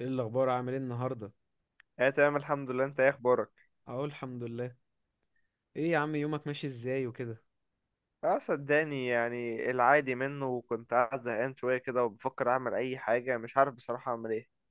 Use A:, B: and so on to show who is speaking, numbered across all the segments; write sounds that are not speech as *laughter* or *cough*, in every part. A: ايه الاخبار عامل ايه النهارده؟
B: اه تمام، الحمد لله. انت ايه اخبارك؟
A: اقول الحمد لله. ايه يا عم يومك ماشي ازاي وكده؟
B: اه صدقني، يعني العادي منه، وكنت قاعد زهقان شويه كده وبفكر اعمل اي حاجه، مش عارف بصراحه اعمل ايه.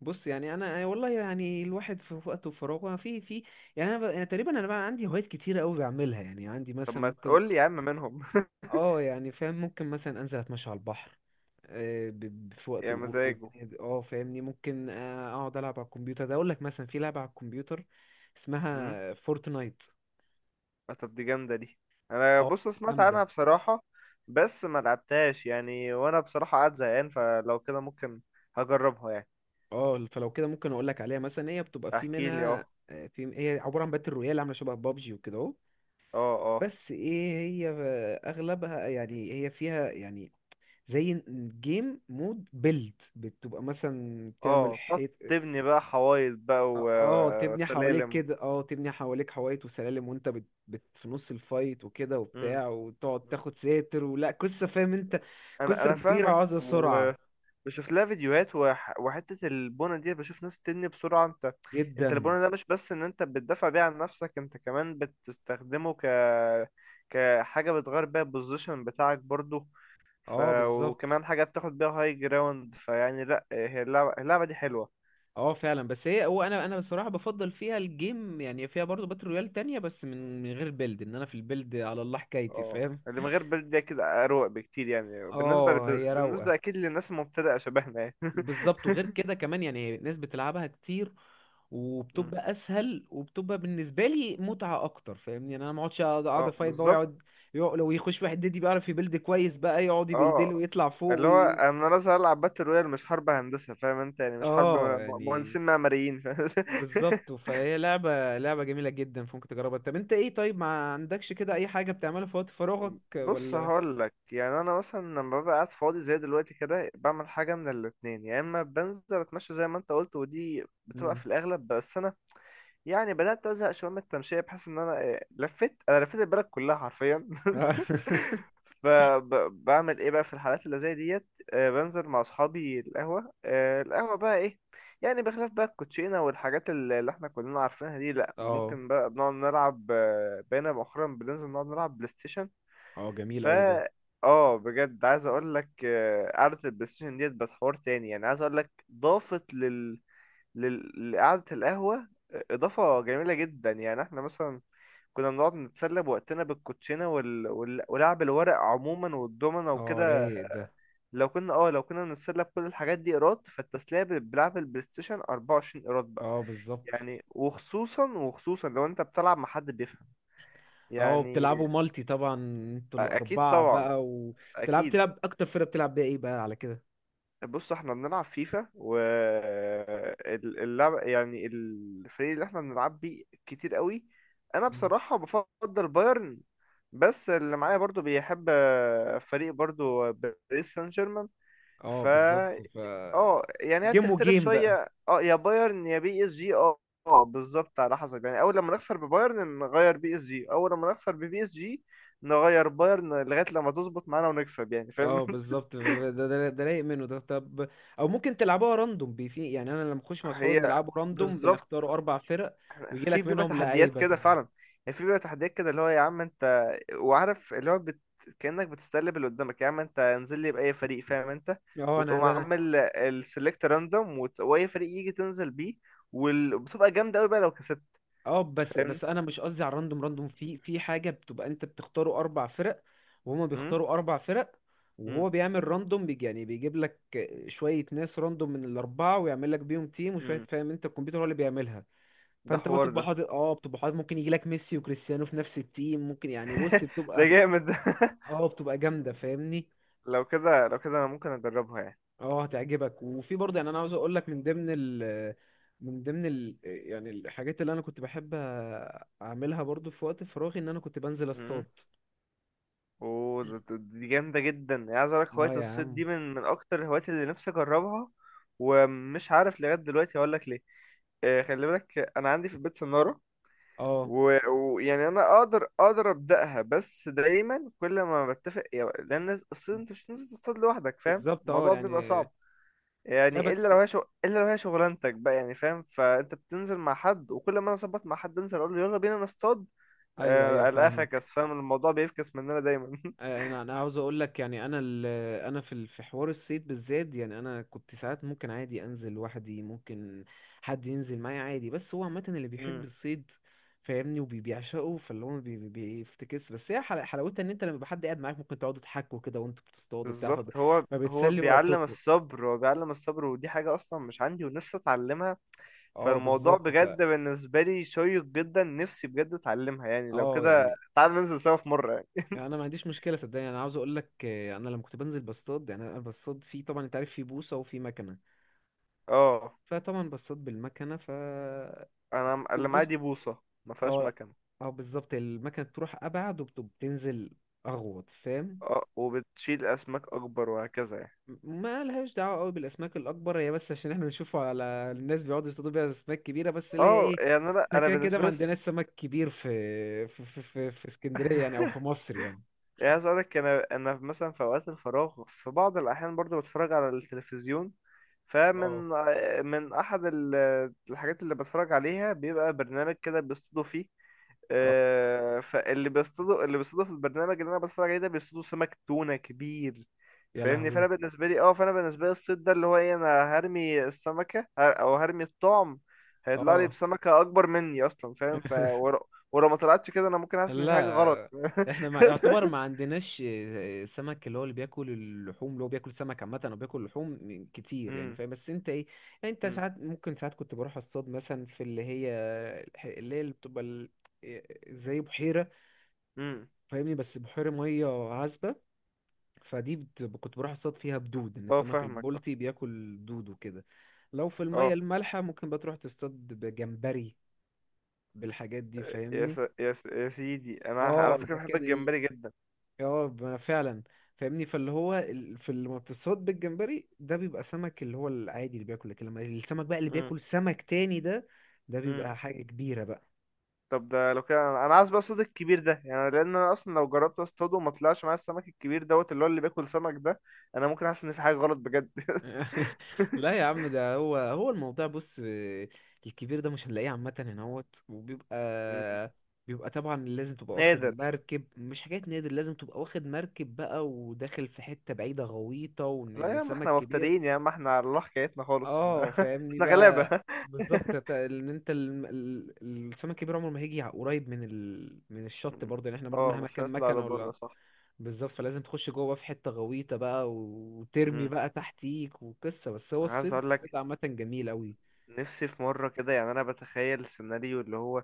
A: بص، يعني انا والله، يعني الواحد في وقته وفراغه. في في يعني أنا تقريبا بقى عندي هوايات كتيره قوي بعملها. يعني عندي
B: طب
A: مثلا
B: ما
A: ممكن،
B: تقول لي يا عم منهم؟ *laughs*
A: اه يعني فاهم، ممكن مثلا انزل اتمشى على البحر، آه، ب... في وقت
B: يا
A: الغروب
B: مزاجه.
A: والدنيا دي. اه فاهمني، ممكن اقعد العب على الكمبيوتر ده. اقول لك مثلا في لعبه على الكمبيوتر
B: امم
A: اسمها فورتنايت.
B: طب دي جامده دي. انا
A: اه،
B: بص، سمعت
A: جامده.
B: عنها بصراحه. بس ما لعبتهاش يعني، وانا بصراحه قاعد زهقان، فلو كده ممكن هجربها يعني.
A: اه فلو كده ممكن اقول لك عليها. مثلا هي بتبقى في
B: احكي لي اه.
A: منها، آه، في هي عباره عن باتل رويال، عامله شبه بابجي وكده اهو.
B: اه، اه،
A: بس ايه، هي اغلبها يعني، هي فيها يعني زي جيم مود بيلد. بتبقى مثلا تعمل
B: اه، بتقعد
A: حيط.
B: تبني بقى حوايط بقى و-
A: تبني حواليك
B: وسلالم.
A: كده. اه تبني حواليك حوايط وسلالم، وانت في نص الفايت وكده
B: امم
A: وبتاع، وتقعد تاخد ساتر ولا قصه، فاهم انت؟
B: انا
A: قصه
B: انا
A: كبيره
B: فاهمك
A: وعايزه سرعه
B: بشوف لها فيديوهات وحتة البونة دي بشوف ناس بتبني بسرعة، انت
A: جدا.
B: البونة ده مش بس ان انت بتدافع بيه عن نفسك، انت كمان بتستخدمه كحاجة بتغير بيها البوزيشن بتاعك برضو. ف...
A: اه، بالظبط.
B: وكمان حاجة بتاخد بيها هاي جراوند، فيعني لا، هي اللعبة دي حلوة.
A: اه فعلا. بس هي هو انا انا بصراحه بفضل فيها الجيم، يعني فيها برضه باتل رويال تانية، بس من غير بيلد. ان انا في البيلد على الله حكايتي،
B: اه،
A: فاهم.
B: اللي من غير برد ده كده اروق بكتير، يعني بالنسبة
A: اه
B: ب...
A: هي روقه.
B: بالنسبة اكيد للناس المبتدئة شبهنا يعني.
A: بالظبط، وغير كده كمان يعني ناس بتلعبها كتير، وبتبقى
B: *laughs*
A: اسهل، وبتبقى بالنسبه لي متعه اكتر، فاهمني؟ يعني انا ما اقعدش، أقعد
B: اه
A: افايت بقى،
B: بالظبط.
A: ويقعد، لو يخش واحد ديدي بيعرف يبيلد كويس بقى، يقعد يبيلد له
B: اه،
A: ويطلع فوق
B: اللي هو انا لازم العب باتل رويال، مش حرب هندسه، فاهم انت؟ يعني مش حرب
A: اه، يعني
B: مهندسين معماريين، فاهم؟
A: بالظبط.
B: *laughs*
A: فهي لعبة جميلة جدا، فممكن تجربها. طب انت ايه؟ طيب ما عندكش كده اي حاجة بتعملها في وقت فراغك
B: بص
A: ولا؟
B: هقول لك يعني، انا مثلا لما ببقى قاعد فاضي زي دلوقتي كده، بعمل حاجه من الاتنين، يا اما بنزل اتمشى زي ما انت قلت ودي بتبقى
A: مم.
B: في الاغلب، بس انا يعني بدأت أزهق شوية من التمشية، بحس إن أنا لفيت البلد كلها حرفيا.
A: اه. *laughs*
B: *laughs* فبعمل إيه بقى في الحالات اللي زي ديت؟ بنزل مع أصحابي القهوة. القهوة بقى إيه؟ يعني بخلاف بقى الكوتشينة والحاجات اللي إحنا كلنا عارفينها دي، لأ
A: اه،
B: ممكن بقى بنقعد نلعب، بقينا مؤخرا بننزل نقعد نلعب بلاي ستيشن.
A: جميل قوي ده.
B: فا اه، بجد عايز اقول لك، قعدة البلاي ستيشن ديت بتحور تاني. يعني عايز اقول لك، ضافت لقعدة القهوة إضافة جميلة جدا. يعني احنا مثلا كنا بنقعد نتسلى بوقتنا بالكوتشينة ولعب الورق عموما والدومنة
A: اه،
B: وكده.
A: رايق ده.
B: لو كنا لو كنا بنتسلى بكل الحاجات دي ايراد، فالتسلية بلعب البلاي ستيشن 24 ايراد بقى.
A: اه، بالظبط.
B: يعني، وخصوصا وخصوصا لو انت بتلعب مع حد بيفهم
A: اه
B: يعني.
A: بتلعبوا مالتي طبعا. انتوا
B: اكيد
A: الأربعة
B: طبعا،
A: بقى، وبتلعب
B: اكيد.
A: تلعب أكتر فرقة بتلعب بيها ايه بقى على كده؟
B: بص احنا بنلعب فيفا، واللعب يعني الفريق اللي احنا بنلعب بيه كتير قوي. انا
A: مم.
B: بصراحة بفضل بايرن. بس اللي معايا برضو بيحب فريق برضو باريس سان جيرمان.
A: اه،
B: فا
A: بالظبط. ف
B: اه يعني هي
A: جيم
B: بتختلف
A: وجيم بقى.
B: شوية، يا بايرن يا بي اس جي، اه. اه بالظبط، على حسب يعني. اول لما نخسر ببايرن نغير بي اس جي، اول لما نخسر ببي اس جي نغير بايرن، لغاية لما تظبط معانا ونكسب، يعني فاهم؟
A: اه،
B: *laughs*
A: بالظبط، ده رايق منه ده. طب او ممكن تلعبوها راندوم بي في. يعني انا لما اخش مع اصحابي
B: هي
A: بنلعبه راندوم،
B: بالظبط.
A: بنختار اربع فرق ويجي
B: في
A: لك
B: بيبقى
A: منهم
B: تحديات
A: لعيبه
B: كده
A: كده.
B: فعلا، يعني في بيبقى تحديات كده، اللي هو يا عم انت وعارف اللي هو كأنك بتستقلب اللي قدامك، يا عم انت انزل لي بأي فريق فاهم انت.
A: اه انا
B: وتقوم
A: ده انا
B: عامل السلكت راندوم واي فريق يجي تنزل بيه، وبتبقى جامدة قوي بقى لو كسبت،
A: اه بس
B: فاهمني.
A: بس انا مش قصدي على الراندوم راندوم. في حاجه بتبقى انت بتختاروا اربع فرق، وهما
B: امم
A: بيختاروا اربع فرق،
B: امم
A: وهو بيعمل راندوم بيجي يعني بيجيب لك شويه ناس راندوم من الاربعه، ويعمل لك بيهم تيم وشويه،
B: امم
A: فاهم انت؟ الكمبيوتر هو اللي بيعملها.
B: ده
A: فانت بقى
B: حوار ده.
A: بتبقى حاطط، ممكن يجي لك ميسي وكريستيانو في نفس التيم، ممكن. يعني بص،
B: *laughs* ده
A: بتبقى
B: جامد ده. *laughs*
A: اه بتبقى جامده، فاهمني.
B: لو كده انا ممكن اجربها
A: اه هتعجبك. وفي برضه، يعني انا عاوز اقول لك، من ضمن ال يعني الحاجات اللي انا كنت بحب اعملها برضه في وقت فراغي، ان انا كنت بنزل اصطاد.
B: يعني. اوه، دي جامدة جدا. يعني عايز اقولك، هواية
A: اه، يا
B: الصيد
A: عم.
B: دي من اكتر الهوايات اللي نفسي اجربها، ومش عارف لغاية دلوقتي هقولك ليه. خلي بالك انا عندي في البيت سنارة،
A: اه،
B: ويعني انا اقدر ابدأها. بس دايما كل ما بتفق يعني، لان الصيد انت مش نازل تصطاد لوحدك، فاهم،
A: بالظبط. اه،
B: الموضوع بيبقى
A: يعني.
B: صعب.
A: لا
B: يعني الا
A: بس.
B: لو هي شغ... الا لو هي شغلانتك بقى، يعني فاهم، فانت بتنزل مع حد، وكل ما انا اظبط مع حد انزل اقول له يلا بينا نصطاد،
A: ايوه، ايوه،
B: الاقيه
A: فاهمك.
B: فكس، فاهم، الموضوع بيفكس مننا دايما.
A: انا عاوز اقول لك، يعني انا انا في في حوار الصيد بالذات، يعني انا كنت ساعات ممكن عادي انزل لوحدي، ممكن حد ينزل معايا عادي. بس هو عامه اللي بيحب
B: *laughs*
A: الصيد، فاهمني، وبيعشقه. فاللي هو بيفتكس. بس هي حلاوتها ان انت لما يبقى حد قاعد معاك، ممكن تقعدوا تحكوا كده وانتوا بتصطادوا بتاع،
B: بالظبط. هو
A: فبتسلي
B: بيعلم
A: وقتكم.
B: الصبر، هو بيعلم الصبر، ودي حاجة أصلا مش عندي ونفسي أتعلمها.
A: اه،
B: فالموضوع
A: بالظبط، ف
B: بجد بالنسبة لي شيق جدا، نفسي بجد أتعلمها يعني. لو
A: اه
B: كده
A: يعني
B: تعال ننزل سوا في مرة يعني.
A: يعني انا ما عنديش مشكله، صدقني. انا عاوز اقول لك انا لما كنت بنزل بصطاد، يعني انا بصطاد في، طبعا انت عارف، في بوصه وفي مكنه،
B: اه،
A: فطبعا بصطاد بالمكنه. ف
B: أنا اللي معايا
A: بص.
B: دي بوصة، ما فيهاش
A: اه
B: مكنة.
A: اه بالظبط، المكنة بتروح أبعد وبتنزل أغوط، فاهم.
B: اه، وبتشيل أسماك أكبر وهكذا يعني.
A: ما لهاش دعوة قوي بالأسماك الأكبر، هي بس عشان احنا بنشوفه على الناس بيقعدوا يصطادوا بيها أسماك كبيرة، بس اللي هي
B: اه
A: إيه،
B: يعني، أنا
A: احنا
B: أنا
A: كده كده
B: بالنسبة
A: ما
B: لي
A: عندناش سمك كبير في اسكندرية، يعني، أو في
B: *laughs*
A: مصر يعني.
B: يعني عايز اقولك، انا مثلا في اوقات الفراغ في بعض الاحيان برضو بتفرج على التلفزيون. فمن
A: اه.
B: من احد الحاجات اللي بتفرج عليها، بيبقى برنامج كده بيصطادوا فيه.
A: اه،
B: فاللي بيصطادوا اللي بيصطادوا في البرنامج اللي انا بتفرج عليه ده بيصطادوا سمك تونة كبير،
A: يا
B: فاهمني. فانا
A: لهوي.
B: بالنسبه لي اه فانا بالنسبه لي الصيد ده اللي هو ايه، انا هرمي السمكه او هرمي الطعم، هيطلع لي
A: اه.
B: بسمكه اكبر مني اصلا، فاهم؟
A: *laughs*
B: ولو ما طلعتش كده انا ممكن احس ان في حاجه غلط.
A: لا، احنا ما يعتبر ما
B: *laughs*
A: عندناش سمك اللي هو اللي بياكل اللحوم، اللي هو بياكل سمك عامة، او بياكل لحوم كتير يعني،
B: امم
A: فاهم. بس انت ايه؟ يعني انت
B: امم
A: ساعات، ممكن ساعات كنت بروح اصطاد مثلا في اللي هي، اللي بتبقى آه، زي بحيرة،
B: امم
A: فاهمني، بس بحيرة مية عذبة. فدي كنت بروح اصطاد فيها بدود، ان
B: اه
A: السمك
B: فاهمك، اه.
A: البلطي بياكل دود وكده. لو في
B: اه،
A: المية المالحة ممكن بتروح تصطاد بجمبري، بالحاجات دي، فاهمني.
B: يا سيدي، انا على
A: اه،
B: فكره بحب
A: لكن.
B: الجمبري جدا.
A: اه ما فعلا، فاهمني. فاللي هو ال- في لما بتصطاد بالجمبري ده، بيبقى سمك اللي هو العادي اللي بياكل. لكن لما السمك بقى اللي
B: امم
A: بياكل سمك تاني ده بيبقى
B: امم
A: حاجة كبيرة بقى.
B: طب ده لو كده، أنا عايز بقى الصوت الكبير ده. يعني لان انا اصلا لو جربت اصطاده وما طلعش معايا السمك الكبير دوت اللي هو اللي بياكل سمك ده، انا ممكن احس ان في حاجه غلط بجد.
A: *laughs* لا
B: *laughs*
A: يا عم، ده هو الموضوع. بص، الكبير ده مش هنلاقيه عامة هنا، هوت، وبيبقى
B: مم.
A: بيبقى طبعا لازم تبقى واخد
B: نادر.
A: مركب، مش حاجات، نادر، لازم تبقى واخد مركب بقى وداخل في حتة بعيدة غويطة، وان
B: لا
A: إن
B: يا عم، احنا
A: سمك كبير.
B: مبتدئين يا عم، احنا على الله حكايتنا خالص، ما.
A: اه
B: *laughs*
A: فاهمني
B: احنا
A: بقى.
B: غلابه.
A: بالظبط، ت- ان انت ال- ال- السمك الكبير عمره ما هيجي قريب من الشط
B: مم.
A: برضه، يعني احنا برضه
B: اه،
A: مهما
B: مش
A: كان
B: هيطلع
A: مكنه ولا.
B: لبره، صح.
A: بالظبط، فلازم تخش جوه في حته غويطه بقى، وترمي
B: امم
A: بقى تحتيك وقصه. بس هو
B: عايز
A: الصيد
B: اقول لك،
A: الصيد عامه جميل
B: نفسي في مره كده، يعني انا بتخيل سيناريو اللي هو،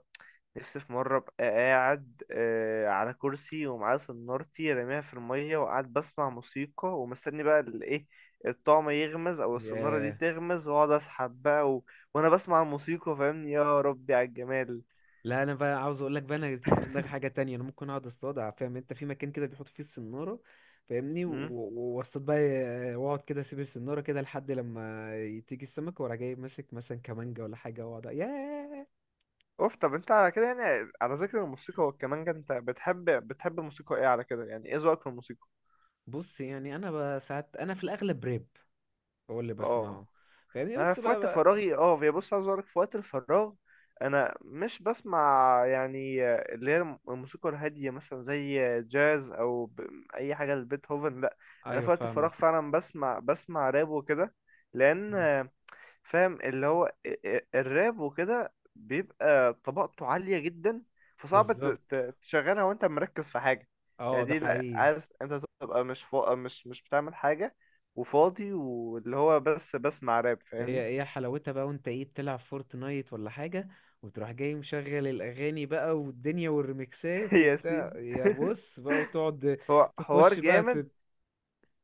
B: نفسي في مرة أبقى قاعد على كرسي ومعايا صنارتي راميها في المية، وقاعد بسمع موسيقى ومستني بقى الإيه، الطعم يغمز أو الصنارة دي
A: قوي.
B: تغمز وأقعد أسحب بقى وأنا بسمع الموسيقى، فاهمني، يا ربي على الجمال.
A: لا، انا بقى عاوز اقول لك بقى، انا تيجي في دماغي حاجه تانية. انا ممكن اقعد اصطاد، فاهم انت، في مكان كده بيحط فيه السناره، فاهمني،
B: مم.
A: واصطاد بقى. واقعد كده اسيب السناره كده لحد لما تيجي السمك، وأروح جاي ماسك مثلا كمانجه ولا حاجه واقعد، ياه.
B: أوف، طب أنت على كده، يعني على ذكر الموسيقى والكمانجة، أنت بتحب الموسيقى إيه على كده؟ يعني إيه ذوقك في الموسيقى؟
A: بص، يعني انا بقى ساعات، انا في الاغلب راب هو اللي
B: آه
A: بسمعه، فاهمني،
B: انا
A: بس
B: في
A: بقى,
B: وقت
A: بقى
B: فراغي، هي بص، عايز اقولك في وقت الفراغ انا مش بسمع يعني اللي هي الموسيقى الهاديه، مثلا زي جاز، او اي حاجه لبيتهوفن، لا. انا
A: ايوه،
B: في وقت الفراغ
A: فاهمك.
B: فعلا بسمع راب وكده. لان
A: مم.
B: فاهم، اللي هو الراب وكده بيبقى طبقته عاليه جدا، فصعب
A: بالظبط.
B: تشغلها وانت مركز في حاجه.
A: اه
B: يعني
A: ده
B: دي لا،
A: حقيقي.
B: عايز انت تبقى مش فوق، مش بتعمل حاجه وفاضي واللي هو بس بسمع راب،
A: هي
B: فاهمني.
A: هي حلاوتها بقى، وانت ايه بتلعب فورتنايت ولا حاجة، وتروح جاي مشغل الأغاني بقى والدنيا
B: *laughs*
A: والريمكسات
B: يا
A: وبتاع،
B: سيدي،
A: يا بص بقى، وتقعد
B: هو حوار
A: تخش بقى
B: جامد.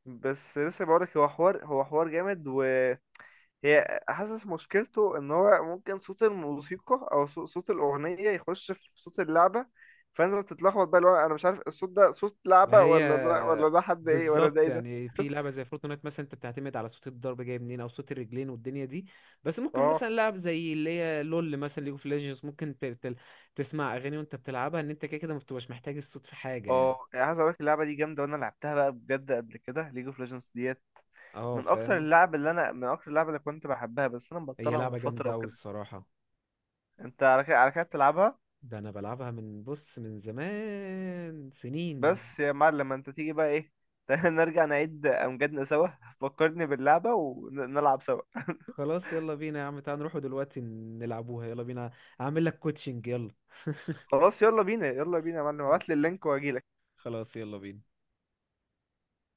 B: بس لسه بقولك، هو حوار جامد، وهي حاسس مشكلته ان هو ممكن صوت الموسيقى او صوت الاغنيه يخش في صوت اللعبه، فانت تتلخبط بقى، اللي هو انا مش عارف الصوت ده صوت
A: ما
B: لعبه،
A: هي
B: ولا ده ولا ده حد ايه ولا ده
A: بالظبط.
B: ايه ده.
A: يعني
B: *laughs*
A: في لعبة زي فورتنايت مثلا، انت بتعتمد على صوت الضرب جاي منين او صوت الرجلين والدنيا دي. بس ممكن
B: اه،
A: مثلا لعب زي اللي هي لول مثلا، ليج اوف ليجندز، ممكن تسمع أغاني وانت بتلعبها، ان انت كده كده ما بتبقاش محتاج الصوت في حاجة
B: اه
A: يعني.
B: يعني، عايز اقولك اللعبه دي جامده، وانا لعبتها بقى بجد قبل كده، ليج اوف ليجندز ديت
A: اه،
B: من اكتر
A: فاهم.
B: اللعب اللي انا من اكتر اللعب اللي كنت بحبها، بس انا
A: هي
B: مبطلها من
A: لعبة
B: فتره
A: جامدة أوي
B: وكده.
A: الصراحة.
B: انت على كده، على كده بتلعبها.
A: ده انا بلعبها من زمان، سنين.
B: بس يا معلم، انت تيجي بقى ايه؟ *laughs* تعالى نرجع نعيد امجادنا سوا، فكرني باللعبة ونلعب سوا.
A: خلاص، يلا بينا يا عم، تعال نروحوا دلوقتي نلعبوها، يلا بينا، اعمل لك كوتشنج، يلا.
B: خلاص يلا بينا، يلا بينا يا معلم، ابعت لي
A: *laughs*
B: اللينك واجيلك.
A: خلاص، يلا بينا.